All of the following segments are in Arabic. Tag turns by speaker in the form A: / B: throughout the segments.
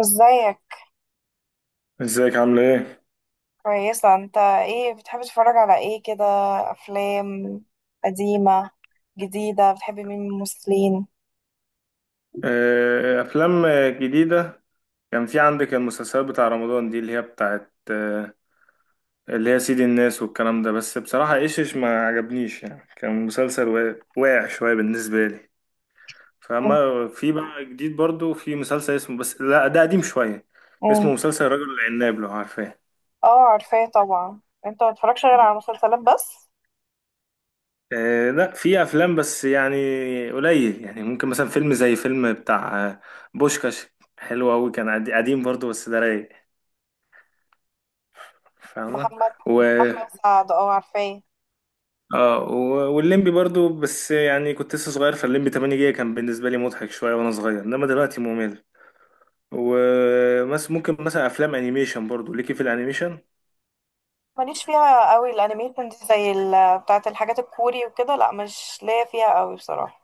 A: ازيك؟
B: ازيك عاملة ايه؟
A: كويسة. انت ايه بتحب تتفرج على ايه كده؟ افلام قديمة، جديدة؟ بتحب مين من الممثلين؟
B: آه، أفلام، جديدة. كان في عندك المسلسلات بتاع رمضان دي اللي هي بتاعت اللي هي سيد الناس والكلام ده، بس بصراحة ايش ما عجبنيش، يعني كان مسلسل واقع شوية بالنسبة لي.
A: انت-
B: فأما في بقى جديد برضو في مسلسل اسمه، بس لا، ده قديم شوية،
A: مم.
B: اسمه مسلسل الرجل العناب، لو عارفاه.
A: اه، عارفاه طبعا. انت ما بتتفرجش غير على مسلسلات بس؟
B: آه، لا، في أفلام بس يعني قليل، يعني ممكن مثلا فيلم زي فيلم بتاع بوشكاش، حلو أوي، كان قديم برضو، بس ده رايق، فاهمة؟
A: محمد
B: و
A: احمد سعد، اه عارفاه.
B: والليمبي برضو، بس يعني كنت لسه صغير، فالليمبي 8 جيجا كان بالنسبة لي مضحك شوية وانا صغير، انما دلوقتي ممل. ومس ممكن مثلا افلام انيميشن، برضو ليكي في الانيميشن؟
A: ماليش فيها قوي الانيميشن دي، زي بتاعه الحاجات الكوري وكده. لا مش ليا فيها قوي بصراحه.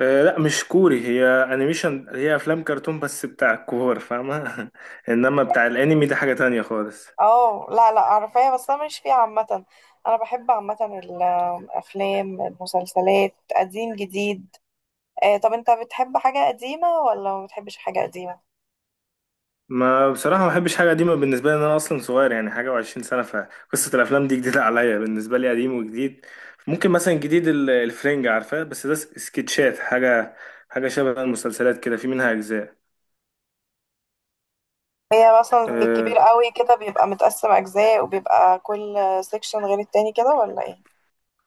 B: آه، لا، مش كوري هي، انيميشن هي افلام كرتون بس بتاع الكور، فاهمة؟ انما بتاع الانمي ده حاجة تانية خالص.
A: اه لا لا، عارفاها بس انا ماليش فيها عامه. انا بحب عامه الافلام، المسلسلات، قديم جديد. طب انت بتحب حاجه قديمه ولا ما بتحبش حاجه قديمه؟
B: ما بصراحة ما بحبش حاجة قديمة، بالنسبة لي إن أنا أصلا صغير يعني، حاجة وعشرين سنة، فقصة الأفلام دي جديدة عليا، بالنسبة لي قديم وجديد. ممكن مثلا جديد الفرنجة، عارفاه؟ بس ده سكتشات، حاجة شبه المسلسلات كده، في منها أجزاء.
A: هي مثلا زي
B: أه
A: الكبير قوي كده بيبقى متقسم اجزاء، وبيبقى كل سيكشن غير التاني كده ولا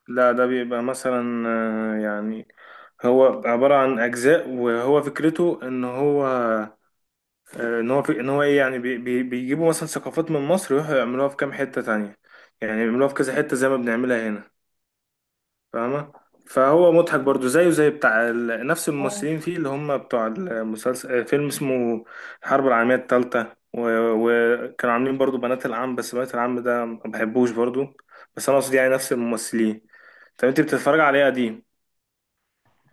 B: لا، ده بيبقى مثلا يعني هو عبارة عن أجزاء، وهو فكرته إن هو إن هو في، إن هو إيه يعني، بي بي بيجيبوا مثلا ثقافات من مصر ويروحوا يعملوها في كام حتة تانية، يعني يعملوها في كذا حتة زي ما بنعملها هنا، فاهمة؟ فهو مضحك برضو، زيه زي بتاع نفس
A: ايه؟
B: الممثلين فيه اللي هم بتوع المسلسل، فيلم اسمه الحرب العالمية التالتة، و... وكانوا عاملين برضو بنات العم، بس بنات العم ده ما بحبوش برضو، بس انا قصدي يعني نفس الممثلين. طب انت بتتفرج على ايه قديم؟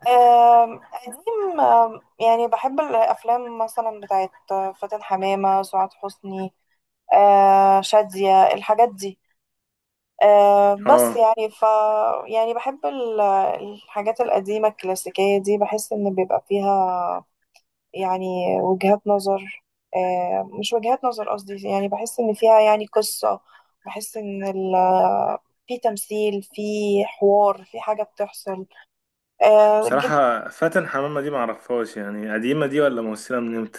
A: قديم، يعني بحب الأفلام مثلا بتاعت فاتن حمامة، سعاد حسني، شادية، الحاجات دي، آه، بس
B: اه،
A: يعني ف يعني بحب الحاجات القديمة الكلاسيكية دي. بحس إن بيبقى فيها يعني وجهات نظر، مش وجهات نظر قصدي، يعني بحس إن فيها يعني قصة. بحس إن في تمثيل، في حوار، في حاجة بتحصل، الجديد
B: بصراحة فاتن حمامة دي معرفهاش، يعني قديمة دي، ولا ممثلة من امتى؟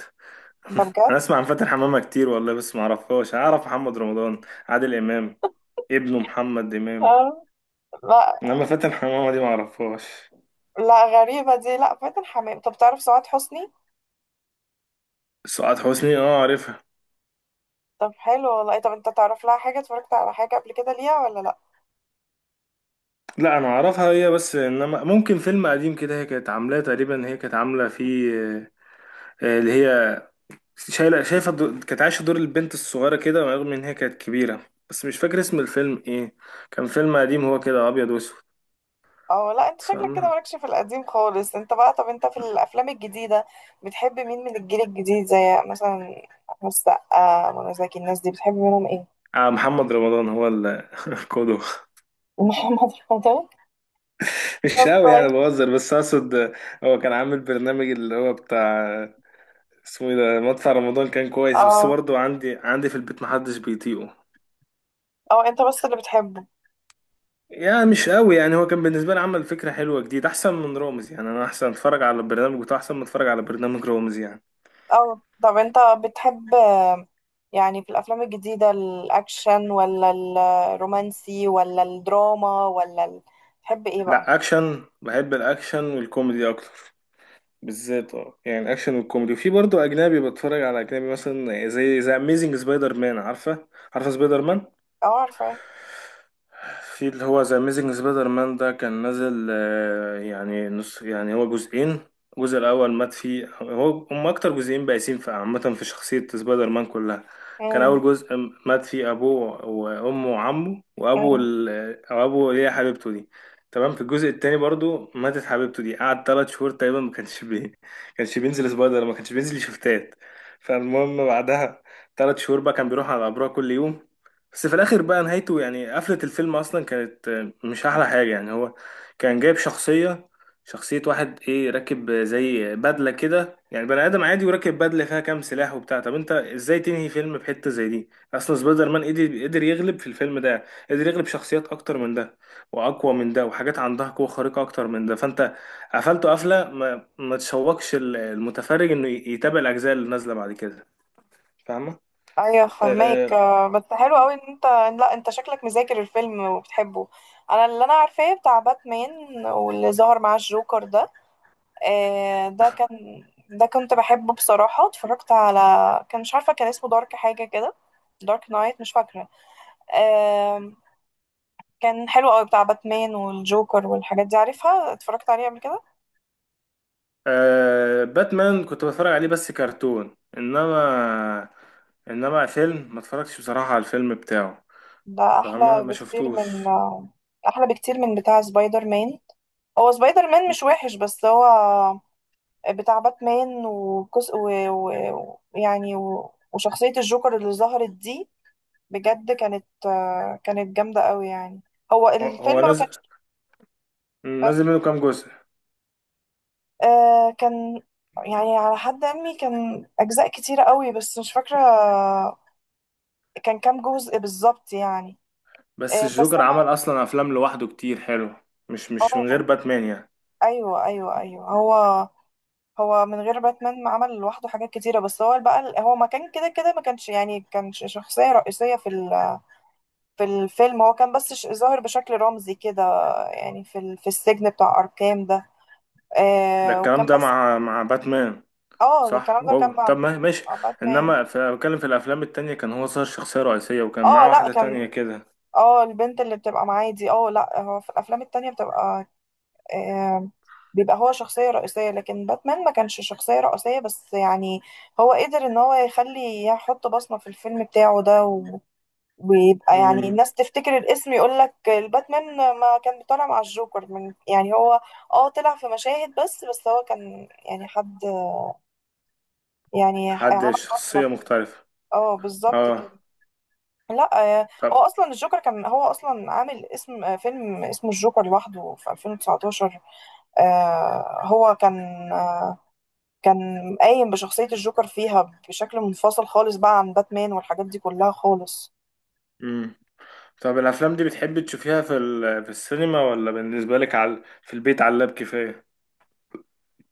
A: ده.
B: انا اسمع عن فاتن حمامة كتير والله، بس معرفهاش، اعرف محمد رمضان، عادل امام، ابنه محمد امام،
A: بجد؟ لا.
B: انما فاتن حمامة دي معرفهاش.
A: لا، غريبة دي، لا فاتن حمام. طب تعرف سعاد حسني؟
B: سعاد حسني اه عارفها.
A: طب حلو والله. طب انت تعرف لها حاجة، اتفرجت على حاجة قبل كده ليها ولا لا؟
B: لا، انا اعرفها هي بس، انما ممكن فيلم قديم كده هي كانت عاملاه تقريبا، هي كانت عامله فيه اللي هي شايفه كانت عايشه دور البنت الصغيره كده، رغم ان هي كانت كبيره، بس مش فاكر اسم الفيلم ايه، كان فيلم قديم هو كده ابيض واسود،
A: اه لا، انت شكلك كده
B: فاهمه؟
A: مالكش في القديم خالص انت بقى. طب انت في الافلام الجديدة بتحب مين من الجيل الجديد، زي مثلا احمد السقا، منى زكي، الناس دي بتحب منهم ايه؟
B: آه، محمد رمضان هو القدوة.
A: محمد رمضان؟
B: مش
A: طب
B: قوي يعني،
A: كويس.
B: بهزر، بس اقصد هو كان عامل برنامج اللي هو بتاع اسمه ايه ده، مدفع رمضان، كان كويس، بس
A: اه
B: برضه عندي في البيت محدش بيطيقه،
A: اه، انت بس اللي بتحبه.
B: يعني مش قوي يعني. هو كان بالنسبة لي عمل فكرة حلوة جديد، أحسن من رامز يعني، أنا أحسن أتفرج على البرنامج بتاعه أحسن ما أتفرج على برنامج رامز يعني.
A: اه طب انت بتحب يعني، في الافلام الجديده، الاكشن ولا الرومانسي ولا الدراما ولا ال...؟ بتحب ايه بقى؟
B: لا، أكشن، بحب الأكشن والكوميدي أكتر، بالذات اه يعني الأكشن والكوميدي، وفي برضه أجنبي، بتفرج على أجنبي مثلا زي أميزنج سبايدر مان، عارفة؟ عارفة سبايدر مان؟
A: اه عارفه.
B: في اللي هو ذا اميزنج سبايدر مان ده كان نازل يعني نص، يعني هو جزئين. الجزء الاول مات فيه هو، هم اكتر جزئين بائسين في عامه في شخصيه سبايدر مان كلها. كان
A: امم.
B: اول جزء مات فيه ابوه وامه وعمه وابو
A: امم.
B: او ابو اللي هي حبيبته دي. تمام، في الجزء التاني برضو ماتت حبيبته دي، قعد 3 شهور تقريبا ما كانش ما كانش بينزل شفتات، فالمهم بعدها 3 شهور بقى كان بيروح على قبرها كل يوم. بس في الاخر بقى نهايته، يعني قفلة الفيلم اصلا كانت مش احلى حاجة يعني. هو كان جايب شخصية واحد راكب زي بدلة كده، يعني بني ادم عادي وراكب بدلة فيها كام سلاح وبتاع. طب انت ازاي تنهي فيلم بحتة زي دي؟ اصلا سبايدر مان قدر يغلب في الفيلم ده، قدر يغلب شخصيات اكتر من ده واقوى من ده، وحاجات عندها قوة خارقة اكتر من ده، فانت قفلته قفلة ما تشوقش المتفرج انه يتابع الاجزاء اللي نازلة بعد كده، فاهمة؟
A: ايوه فهماك،
B: آه،
A: بس حلو قوي ان انت... لا انت شكلك مذاكر الفيلم وبتحبه. انا اللي انا عارفاه بتاع باتمان واللي ظهر معاه الجوكر ده، آه، ده كان ده كنت بحبه بصراحه، اتفرجت على... كان مش عارفه كان اسمه دارك حاجه كده. دارك نايت مش فاكره؟ كان حلو قوي بتاع باتمان والجوكر والحاجات دي، عارفها، اتفرجت عليه قبل كده.
B: آه، باتمان كنت بتفرج عليه بس كرتون، انما انما فيلم ما اتفرجتش بصراحة على الفيلم بتاعه،
A: ده احلى
B: فاهمة؟ ما
A: بكتير
B: شفتوش.
A: من... احلى بكتير من بتاع سبايدر مان. هو سبايدر مان مش وحش، بس هو بتاع باتمان وكس، و... و... يعني و... وشخصية الجوكر اللي ظهرت دي بجد كانت... كانت جامدة قوي يعني. هو
B: هو
A: الفيلم
B: هو
A: ما
B: نازل
A: كانش،
B: نازل منه كام جزء؟
A: آه، كان يعني على حد علمي كان أجزاء كتيرة قوي، بس مش فاكرة كان كام جزء بالظبط يعني.
B: بس
A: بس
B: الجوكر عمل
A: لما...
B: اصلا افلام لوحده كتير حلو، مش من غير
A: اه
B: باتمان يعني.
A: ايوه ايوه ايوه. هو من غير باتمان ما عمل لوحده حاجات كتيره، بس هو بقى، هو ما كان كده كده، ما كانش يعني، كان شخصيه رئيسيه في في الفيلم. هو كان بس ظاهر بشكل رمزي كده، يعني في في السجن بتاع اركام ده.
B: ده
A: آه،
B: الكلام
A: وكان
B: ده
A: بس...
B: مع باتمان،
A: اه ده الكلام
B: صح.
A: ده كان
B: وهو طب ما ماشي،
A: مع باتمان.
B: انما بتكلم في الافلام التانية كان هو صار شخصية رئيسية، وكان
A: اه
B: معاه
A: لا
B: واحدة تانية
A: كان،
B: كده.
A: اه البنت اللي بتبقى معاه دي، اه لا هو في الافلام التانية بتبقى آه، بيبقى هو شخصية رئيسية، لكن باتمان ما كانش شخصية رئيسية، بس يعني هو قدر ان هو يخلي، يحط بصمة في الفيلم بتاعه ده ويبقى يعني
B: امم.
A: الناس تفتكر الاسم يقول لك الباتمان. ما كان بيطلع مع الجوكر من، يعني هو اه طلع في مشاهد بس، هو كان يعني حد، يعني
B: حد
A: عمل بصمة
B: شخصية
A: فيه.
B: مختلفة.
A: اه بالظبط
B: اه،
A: كده. لا هو
B: طب
A: اصلا الجوكر كان هو اصلا عامل اسم، فيلم اسمه الجوكر لوحده في 2019. هو كان قايم بشخصية الجوكر فيها بشكل منفصل خالص بقى عن باتمان والحاجات دي كلها خالص.
B: طب الافلام دي بتحبي تشوفيها في السينما، ولا بالنسبه لك على في البيت على اللاب كفايه؟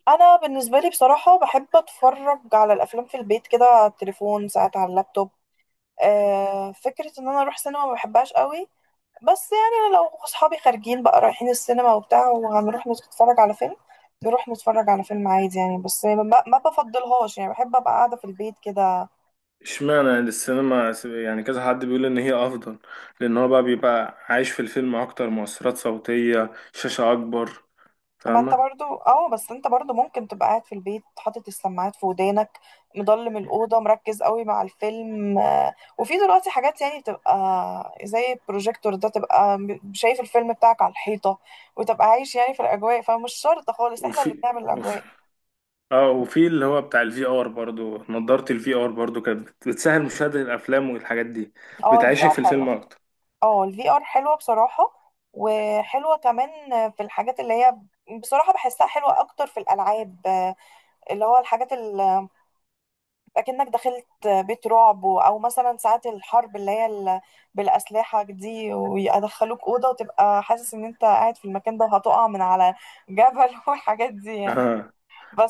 A: أنا بالنسبة لي بصراحة بحب أتفرج على الأفلام في البيت كده، على التليفون ساعات، على اللابتوب. آه، فكرة إن أنا أروح سينما ما بحبهاش قوي. بس يعني لو أصحابي خارجين بقى رايحين السينما وبتاع، وهنروح نتفرج على فيلم، نروح نتفرج على فيلم عادي يعني، بس ما بفضلهاش يعني، بحب أبقى قاعدة في البيت كده.
B: اشمعنى يعني السينما يعني كذا حد بيقول ان هي افضل، لان هو بقى بيبقى عايش في الفيلم اكتر، مؤثرات صوتيه، شاشه اكبر،
A: ما انت
B: فاهمه؟
A: برضو، اه بس انت برضو ممكن تبقى قاعد في البيت، حاطط السماعات في ودانك، مضلم الأوضة، مركز قوي مع الفيلم. وفي دلوقتي حاجات يعني بتبقى زي البروجيكتور ده، تبقى شايف الفيلم بتاعك على الحيطة، وتبقى عايش يعني في الأجواء، فمش شرط خالص، احنا اللي
B: وفي
A: بنعمل
B: وفي
A: الأجواء.
B: اه وفي اللي هو بتاع الفي ار برضو، نضاره الفي ار برضو كانت بتسهل مشاهده الافلام والحاجات دي،
A: اه الفي
B: بتعيشك
A: ار
B: في الفيلم
A: حلو.
B: اكتر.
A: اه الفي ار حلوة بصراحة، وحلوة كمان في الحاجات اللي هي، بصراحة بحسها حلوة أكتر في الألعاب. اللي هو الحاجات اكنك دخلت بيت رعب او مثلا ساعات الحرب اللي هي بالاسلحه دي، ويدخلوك اوضه وتبقى حاسس ان انت قاعد في المكان ده، وهتقع من على جبل والحاجات دي يعني.
B: اه،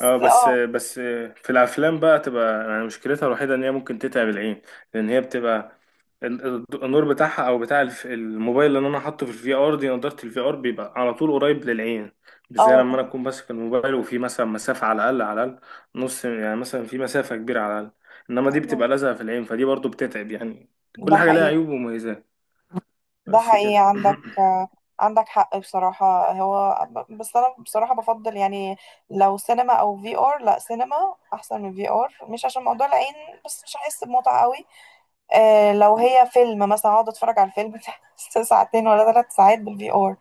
B: اه، بس
A: اه،
B: بس، في الافلام بقى تبقى يعني مشكلتها الوحيده ان هي ممكن تتعب العين، لان هي بتبقى النور بتاعها او بتاع الموبايل اللي انا حاطه في الفي ار دي، نضاره الفي ار بيبقى على طول قريب للعين، بالذات لما
A: اه
B: انا اكون ماسك الموبايل وفي مثلا مسافه، على الاقل على الاقل نص، يعني مثلا في مسافه كبيره على الاقل، انما دي بتبقى لازقه في العين، فدي برضو بتتعب يعني،
A: ده حقيقي، ده
B: كل حاجه لها
A: حقيقي،
B: عيوب ومميزات،
A: ده
B: بس
A: حقيقي.
B: كده.
A: عندك عندك حق بصراحة. هو بس أنا بصراحة بفضل يعني، لو سينما أو في ار، لا سينما أحسن من في ار، مش عشان موضوع العين بس، مش هحس بمتعة قوي لو هي فيلم مثلا، اقعد اتفرج على الفيلم ده ساعتين ولا 3 ساعات بالفي ار؟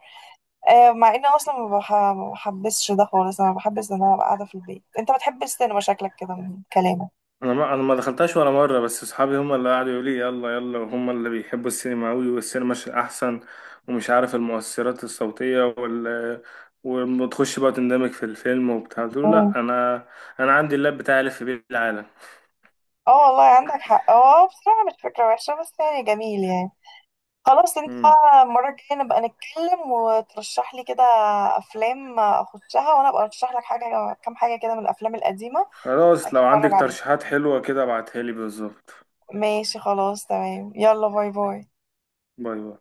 A: آه، مع ان أنا اصلا ما بحبسش ده خالص، انا بحبس ان انا ابقى قاعده في البيت. انت بتحب السينما شكلك كده من كلامك.
B: انا ما دخلتهاش ولا مره، بس اصحابي هم اللي قعدوا يقولوا لي يلا يلا، وهم اللي بيحبوا السينما قوي، والسينما احسن، ومش عارف المؤثرات الصوتيه وتخش بقى تندمج في الفيلم وبتاع، قلت له
A: مم.
B: لا، انا عندي اللاب بتاعي الف بيه العالم.
A: اه والله عندك حق، اه بصراحه مش فكره وحشه، بس يعني جميل يعني. خلاص، انت
B: مم.
A: بقى المره الجايه نبقى نتكلم وترشح لي كده افلام اخشها، وانا ابقى ارشح لك حاجه، كام حاجه كده من الافلام القديمه، تبقى
B: خلاص، لو
A: تتفرج
B: عندك
A: عليها.
B: ترشيحات حلوه كده ابعتها لي بالظبط.
A: ماشي خلاص، تمام. يلا باي باي.
B: باي باي.